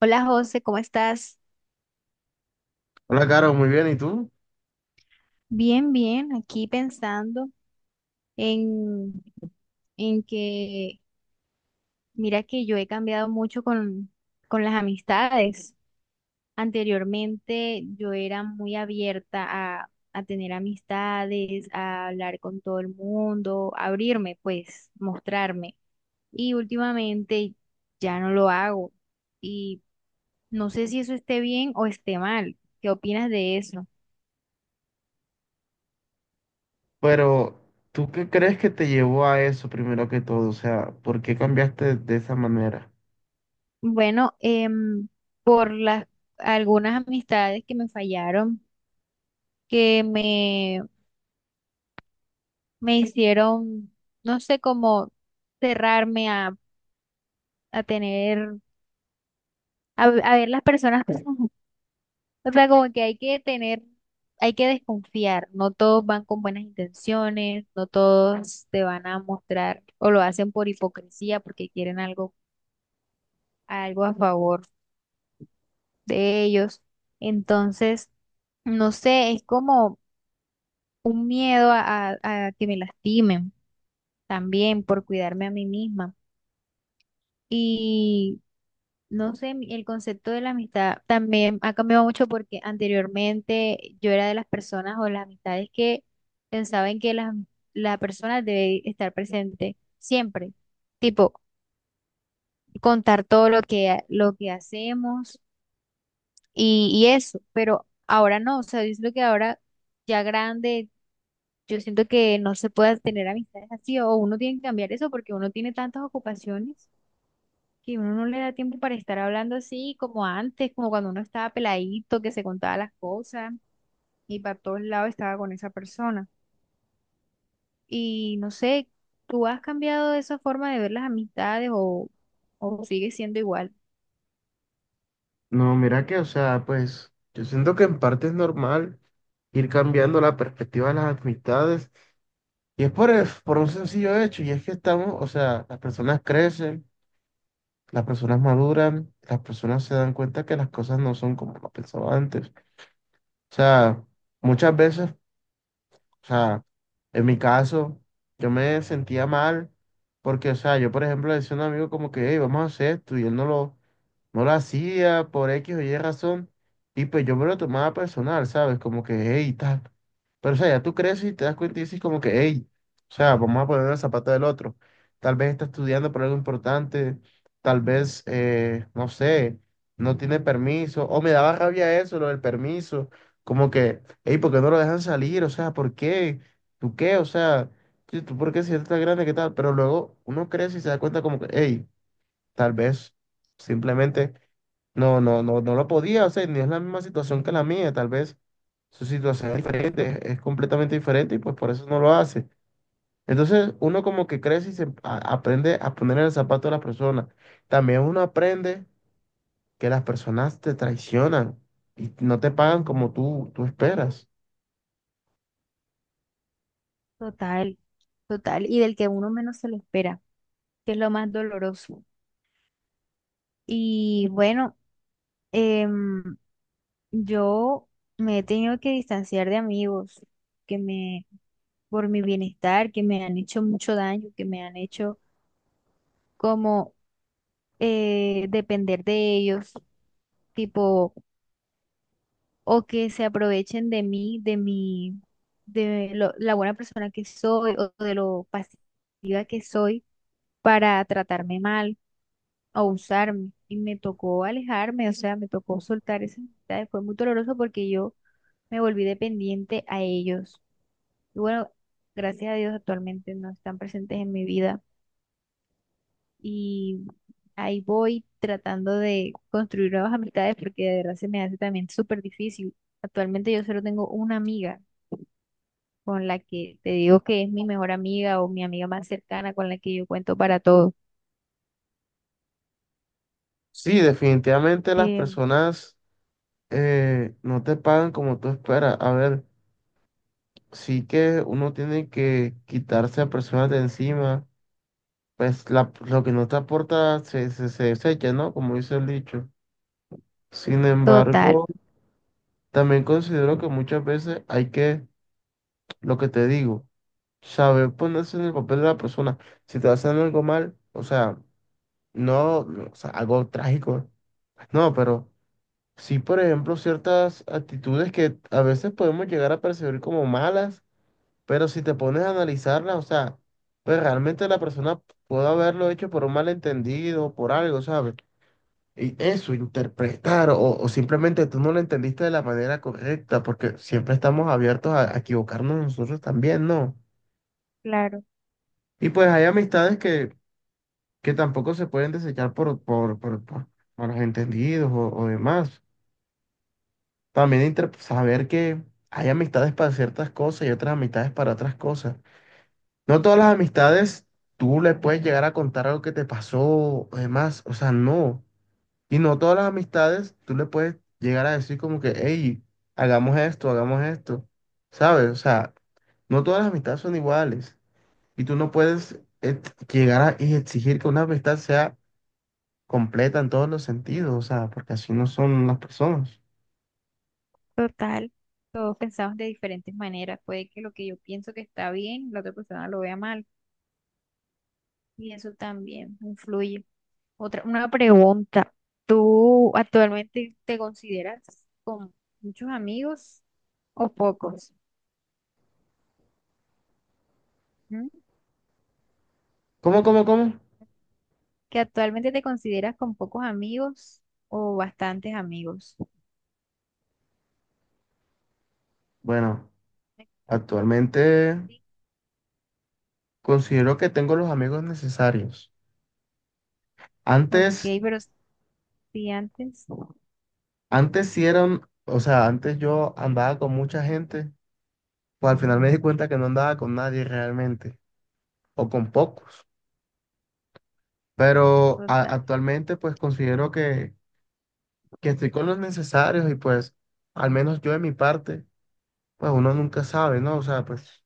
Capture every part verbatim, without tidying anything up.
Hola José, ¿cómo estás? Hola, Caro, muy bien, ¿y tú? Bien, bien, aquí pensando en, en que, mira que yo he cambiado mucho con, con las amistades. Anteriormente yo era muy abierta a, a tener amistades, a hablar con todo el mundo, abrirme, pues, mostrarme. Y últimamente ya no lo hago. Y no sé si eso esté bien o esté mal. ¿Qué opinas de eso? Pero, ¿tú qué crees que te llevó a eso primero que todo? O sea, ¿por qué cambiaste de esa manera? Bueno, em, por las algunas amistades que me fallaron, que me, me hicieron, no sé cómo cerrarme a, a tener, a, a ver las personas. O sea, como que hay que tener, hay que desconfiar. No todos van con buenas intenciones, no todos te van a mostrar o lo hacen por hipocresía porque quieren algo, algo a favor de ellos. Entonces, no sé, es como un miedo a, a- a que me lastimen también por cuidarme a mí misma. Y no sé, mi- el concepto de la amistad también ha cambiado mucho porque anteriormente yo era de las personas o las amistades que pensaban que la, la persona debe estar presente siempre, tipo contar todo lo que, lo que hacemos y, y eso, pero ahora no, o sea, yo siento que ahora ya grande. Yo siento que no se puede tener amistades así, o uno tiene que cambiar eso porque uno tiene tantas ocupaciones que uno no le da tiempo para estar hablando así como antes, como cuando uno estaba peladito, que se contaba las cosas y para todos lados estaba con esa persona. Y no sé, ¿tú has cambiado esa forma de ver las amistades o, o sigue siendo igual? No, mira que, o sea, pues yo siento que en parte es normal ir cambiando la perspectiva de las amistades y es por, el- por un sencillo hecho y es que estamos, o sea, las personas crecen, las personas maduran, las personas se dan cuenta que las cosas no son como lo pensaba antes. O sea, muchas veces, o sea, en mi caso, yo me sentía mal porque, o sea, yo, por ejemplo, le decía a un amigo como que, hey, vamos a hacer esto, y él no lo, no lo hacía por X o Y razón, y pues yo me lo tomaba personal, ¿sabes? Como que, hey, tal. Pero, o sea, ya tú creces y te das cuenta y dices como que, hey, o sea, vamos a poner el zapato del otro. Tal vez está estudiando por algo importante, tal vez, eh, no sé, no tiene permiso, o me daba rabia eso, lo del permiso como que, hey, ¿por qué no lo dejan salir? O sea, ¿por qué? ¿Tú qué? O sea, ¿tú tú por qué si eres tan grande, qué tal? Pero luego uno crece y se da cuenta como que, hey, tal vez simplemente no, no, no, no lo podía hacer, ni es la misma situación que la mía, tal vez su situación es diferente, es es completamente diferente y pues por eso no lo hace. Entonces uno como que crece y se a- aprende a poner en el zapato de las personas. También uno aprende que las personas te traicionan y no te pagan como tú, tú esperas. Total, total, y del que uno menos se lo espera que es lo más doloroso. Y bueno, em, yo me he tenido que distanciar de amigos que me, por mi bienestar, que me han hecho mucho daño, que me han hecho como eh, depender de ellos, tipo, o que se aprovechen de mí, de mi, de lo- la buena persona que soy o de lo pasiva que soy para tratarme mal o usarme. Y me tocó alejarme, o sea, me tocó soltar esas amistades. Fue muy doloroso porque yo me volví dependiente a ellos. Y bueno, gracias a Dios actualmente no están presentes en mi vida y ahí voy tratando de construir nuevas amistades porque de verdad se me hace también súper difícil. Actualmente yo solo tengo una amiga con la que te digo que es mi mejor amiga o mi amiga más cercana con la que yo cuento para todo. Sí, definitivamente las Eh, personas, eh, no te pagan como tú esperas. A ver, sí que uno tiene que quitarse a personas de encima, pues la- lo que no te aporta se, se, se desecha, ¿no? Como dice el dicho. Sin total, embargo, también considero que muchas veces hay que, lo que te digo, saber ponerse en el papel de la persona. Si te hacen algo mal, o sea, no, no, o sea, algo trágico, no, pero sí, por ejemplo, ciertas actitudes que a veces podemos llegar a percibir como malas, pero si te pones a analizarlas, o sea, pues realmente la persona puede haberlo hecho por un malentendido, por algo, ¿sabes? Y eso, interpretar, o, o simplemente tú no lo entendiste de la manera correcta, porque siempre estamos abiertos a, a equivocarnos nosotros también, ¿no? claro, Y pues hay amistades que, que tampoco se pueden desechar por, por, por, por, por los entendidos o o demás. También inter- saber que hay amistades para ciertas cosas y otras amistades para otras cosas. No todas las amistades tú le puedes llegar a contar algo que te pasó o demás, o sea, no. Y no todas las amistades tú le puedes llegar a decir como que, hey, hagamos esto, hagamos esto, ¿sabes? O sea, no todas las amistades son iguales y tú no puedes ex- llegar a y exigir que una amistad sea completa en todos los sentidos, o sea, porque así no son las personas. total. Todos pensamos de diferentes maneras. Puede que lo que yo pienso que está bien, la otra persona lo vea mal y eso también influye. Otra, una pregunta. ¿Tú actualmente te consideras con muchos amigos o pocos? ¿Mm? ¿Cómo, cómo, cómo? ¿Que actualmente te consideras con pocos amigos o bastantes amigos? Bueno, actualmente Sí. considero que tengo los amigos necesarios. Ok, Antes, pero si antes, antes sí eran, o sea, antes yo andaba con mucha gente, pues al final me di cuenta que no andaba con nadie realmente, o con pocos. Pero a- total. actualmente pues considero que, que estoy con los necesarios y pues al menos yo de mi parte, pues uno nunca sabe, ¿no? O sea, pues,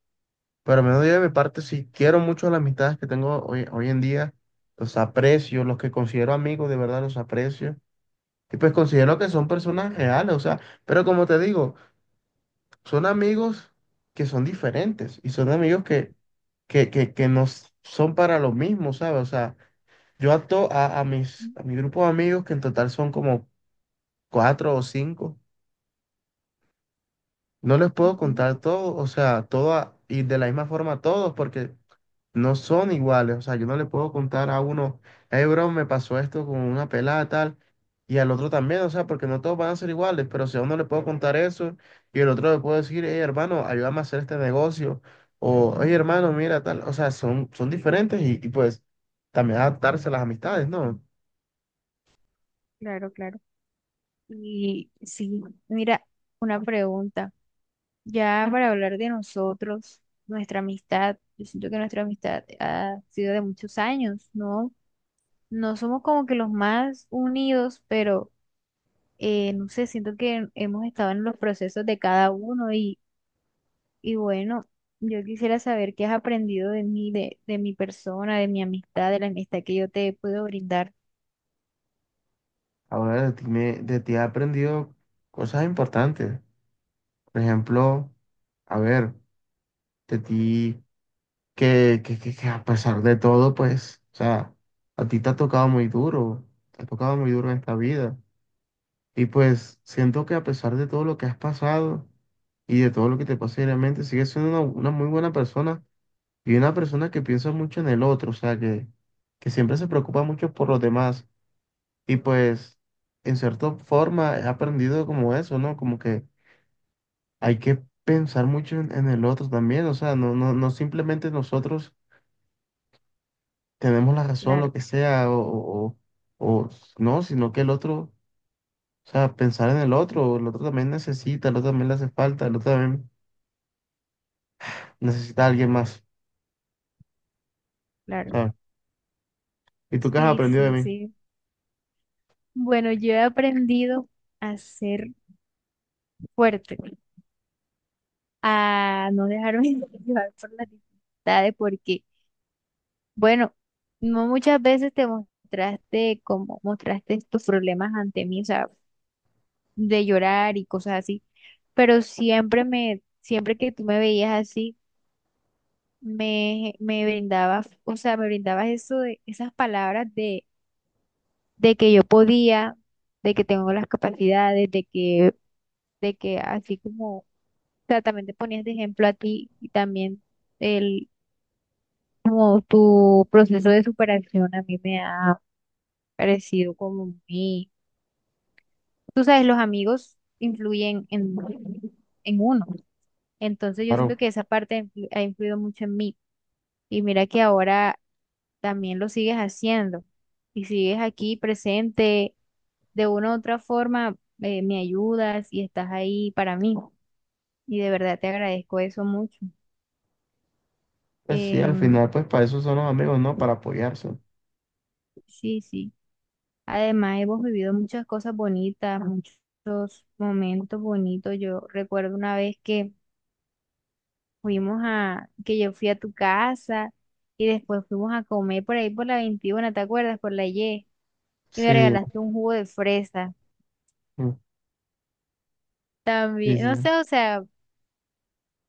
pero al menos yo de mi parte sí quiero mucho las amistades que tengo hoy, hoy en día, los aprecio, los que considero amigos de verdad los aprecio. Y pues considero que son personas reales, o sea, pero como te digo, son amigos que son diferentes y son amigos que, que, que, que no s- son para lo mismo, ¿sabes? O sea, yo a, to- a, a mis, Mm. a mi grupo de amigos, que en total son como cuatro o cinco, no les puedo Ujú. contar todo, o sea, todo a- y de la misma forma a todos, porque no son iguales. O sea, yo no le puedo contar a uno, hey, bro, me pasó esto con una pelada tal, y al otro también, o sea, porque no todos van a ser iguales, pero si a uno le puedo contar eso, y el otro le puedo decir, hey, hermano, ayúdame a hacer este negocio, o oye, hermano, mira tal, o sea, son, son diferentes y, y, pues también adaptarse a las amistades, ¿no? Claro, claro. Y sí, mira, una pregunta. Ya para hablar de nosotros, nuestra amistad, yo siento que nuestra amistad ha sido de muchos años, ¿no? No somos como que los más unidos, pero eh, no sé, siento que hemos estado en los procesos de cada uno y, y bueno, yo quisiera saber qué has aprendido de mí, de, de mi persona, de mi amistad, de la amistad que yo te puedo brindar. Ahora de ti, me- de ti he aprendido cosas importantes. Por ejemplo, a ver, de ti, que, que, que, que a pesar de todo, pues, o sea, a ti te ha tocado muy duro, te ha tocado muy duro en esta vida. Y pues siento que a pesar de todo lo que has pasado y de todo lo que te pasa diariamente, sigues siendo una, una muy buena persona y una persona que piensa mucho en el otro, o sea, que, que siempre se preocupa mucho por los demás. Y pues, en cierta forma, he aprendido como eso, ¿no? Como que hay que pensar mucho en, en el otro también, o sea, no, no, no simplemente nosotros tenemos la razón, lo Claro, que sea, o, o- o- no, sino que el otro, o sea, pensar en el otro, el otro también necesita, el otro también le hace falta, el otro también necesita a alguien más, claro. ¿sabes? ¿Y tú qué has Sí, aprendido de sí, mí? sí. Bueno, yo he aprendido a ser fuerte, a no dejarme llevar por las dificultades, porque, bueno, no muchas veces te mostraste como mostraste tus problemas ante mí, o sea, de llorar y cosas así, pero siempre me, siempre que tú me veías así, me, me brindabas, o sea, me brindabas eso de, esas palabras de, de que yo podía, de que tengo las capacidades, de que, de que así como, o sea, también te ponías de ejemplo a ti y también el, como tu proceso de superación a mí me ha parecido como muy, tú sabes, los amigos influyen en, en uno. Entonces yo Claro, siento que esa parte ha influ- ha influido mucho en mí. Y mira que ahora también lo sigues haciendo y sigues aquí presente. De una u otra forma, eh, me ayudas y estás ahí para mí. Y de verdad te agradezco eso mucho. pues sí, al Em, final, pues para eso son los amigos, ¿no? Para apoyarse. sí, sí. Además, hemos vivido muchas cosas bonitas, muchos momentos bonitos. Yo recuerdo una vez que Fuimos a, que yo fui a tu casa y después fuimos a comer por ahí por la veintiuno, ¿te acuerdas? Por la Y. Y me Sí, regalaste un jugo de fresa mm, sí, también. No sí. sé, o sea,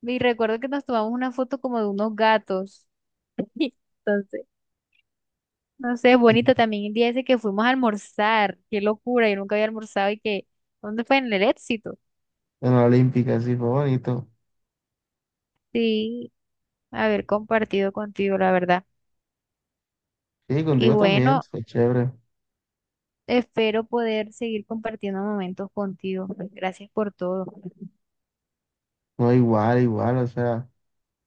y recuerdo que nos tomamos una foto como de unos gatos. Entonces, no sé, es Sí. bonito también el día ese que fuimos a almorzar. Qué locura, yo nunca había almorzado y que, ¿dónde fue? En el Éxito. En la Olímpica, sí, fue bonito. Sí, haber compartido contigo, la verdad. Sí, Y contigo también, bueno, fue chévere. espero poder seguir compartiendo momentos contigo. Pues, gracias por todo. No, igual, igual, o sea,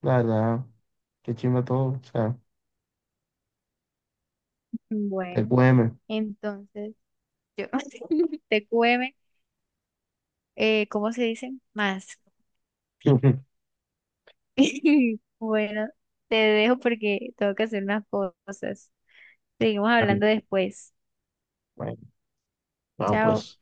la verdad, qué chimba todo, o sea, te Bueno, cueme. entonces yo te T Q M, eh, ¿cómo se dice? Más. Bueno, Bueno, te dejo porque tengo que hacer unas cosas. Seguimos hablando después. bueno, no, Chao. pues.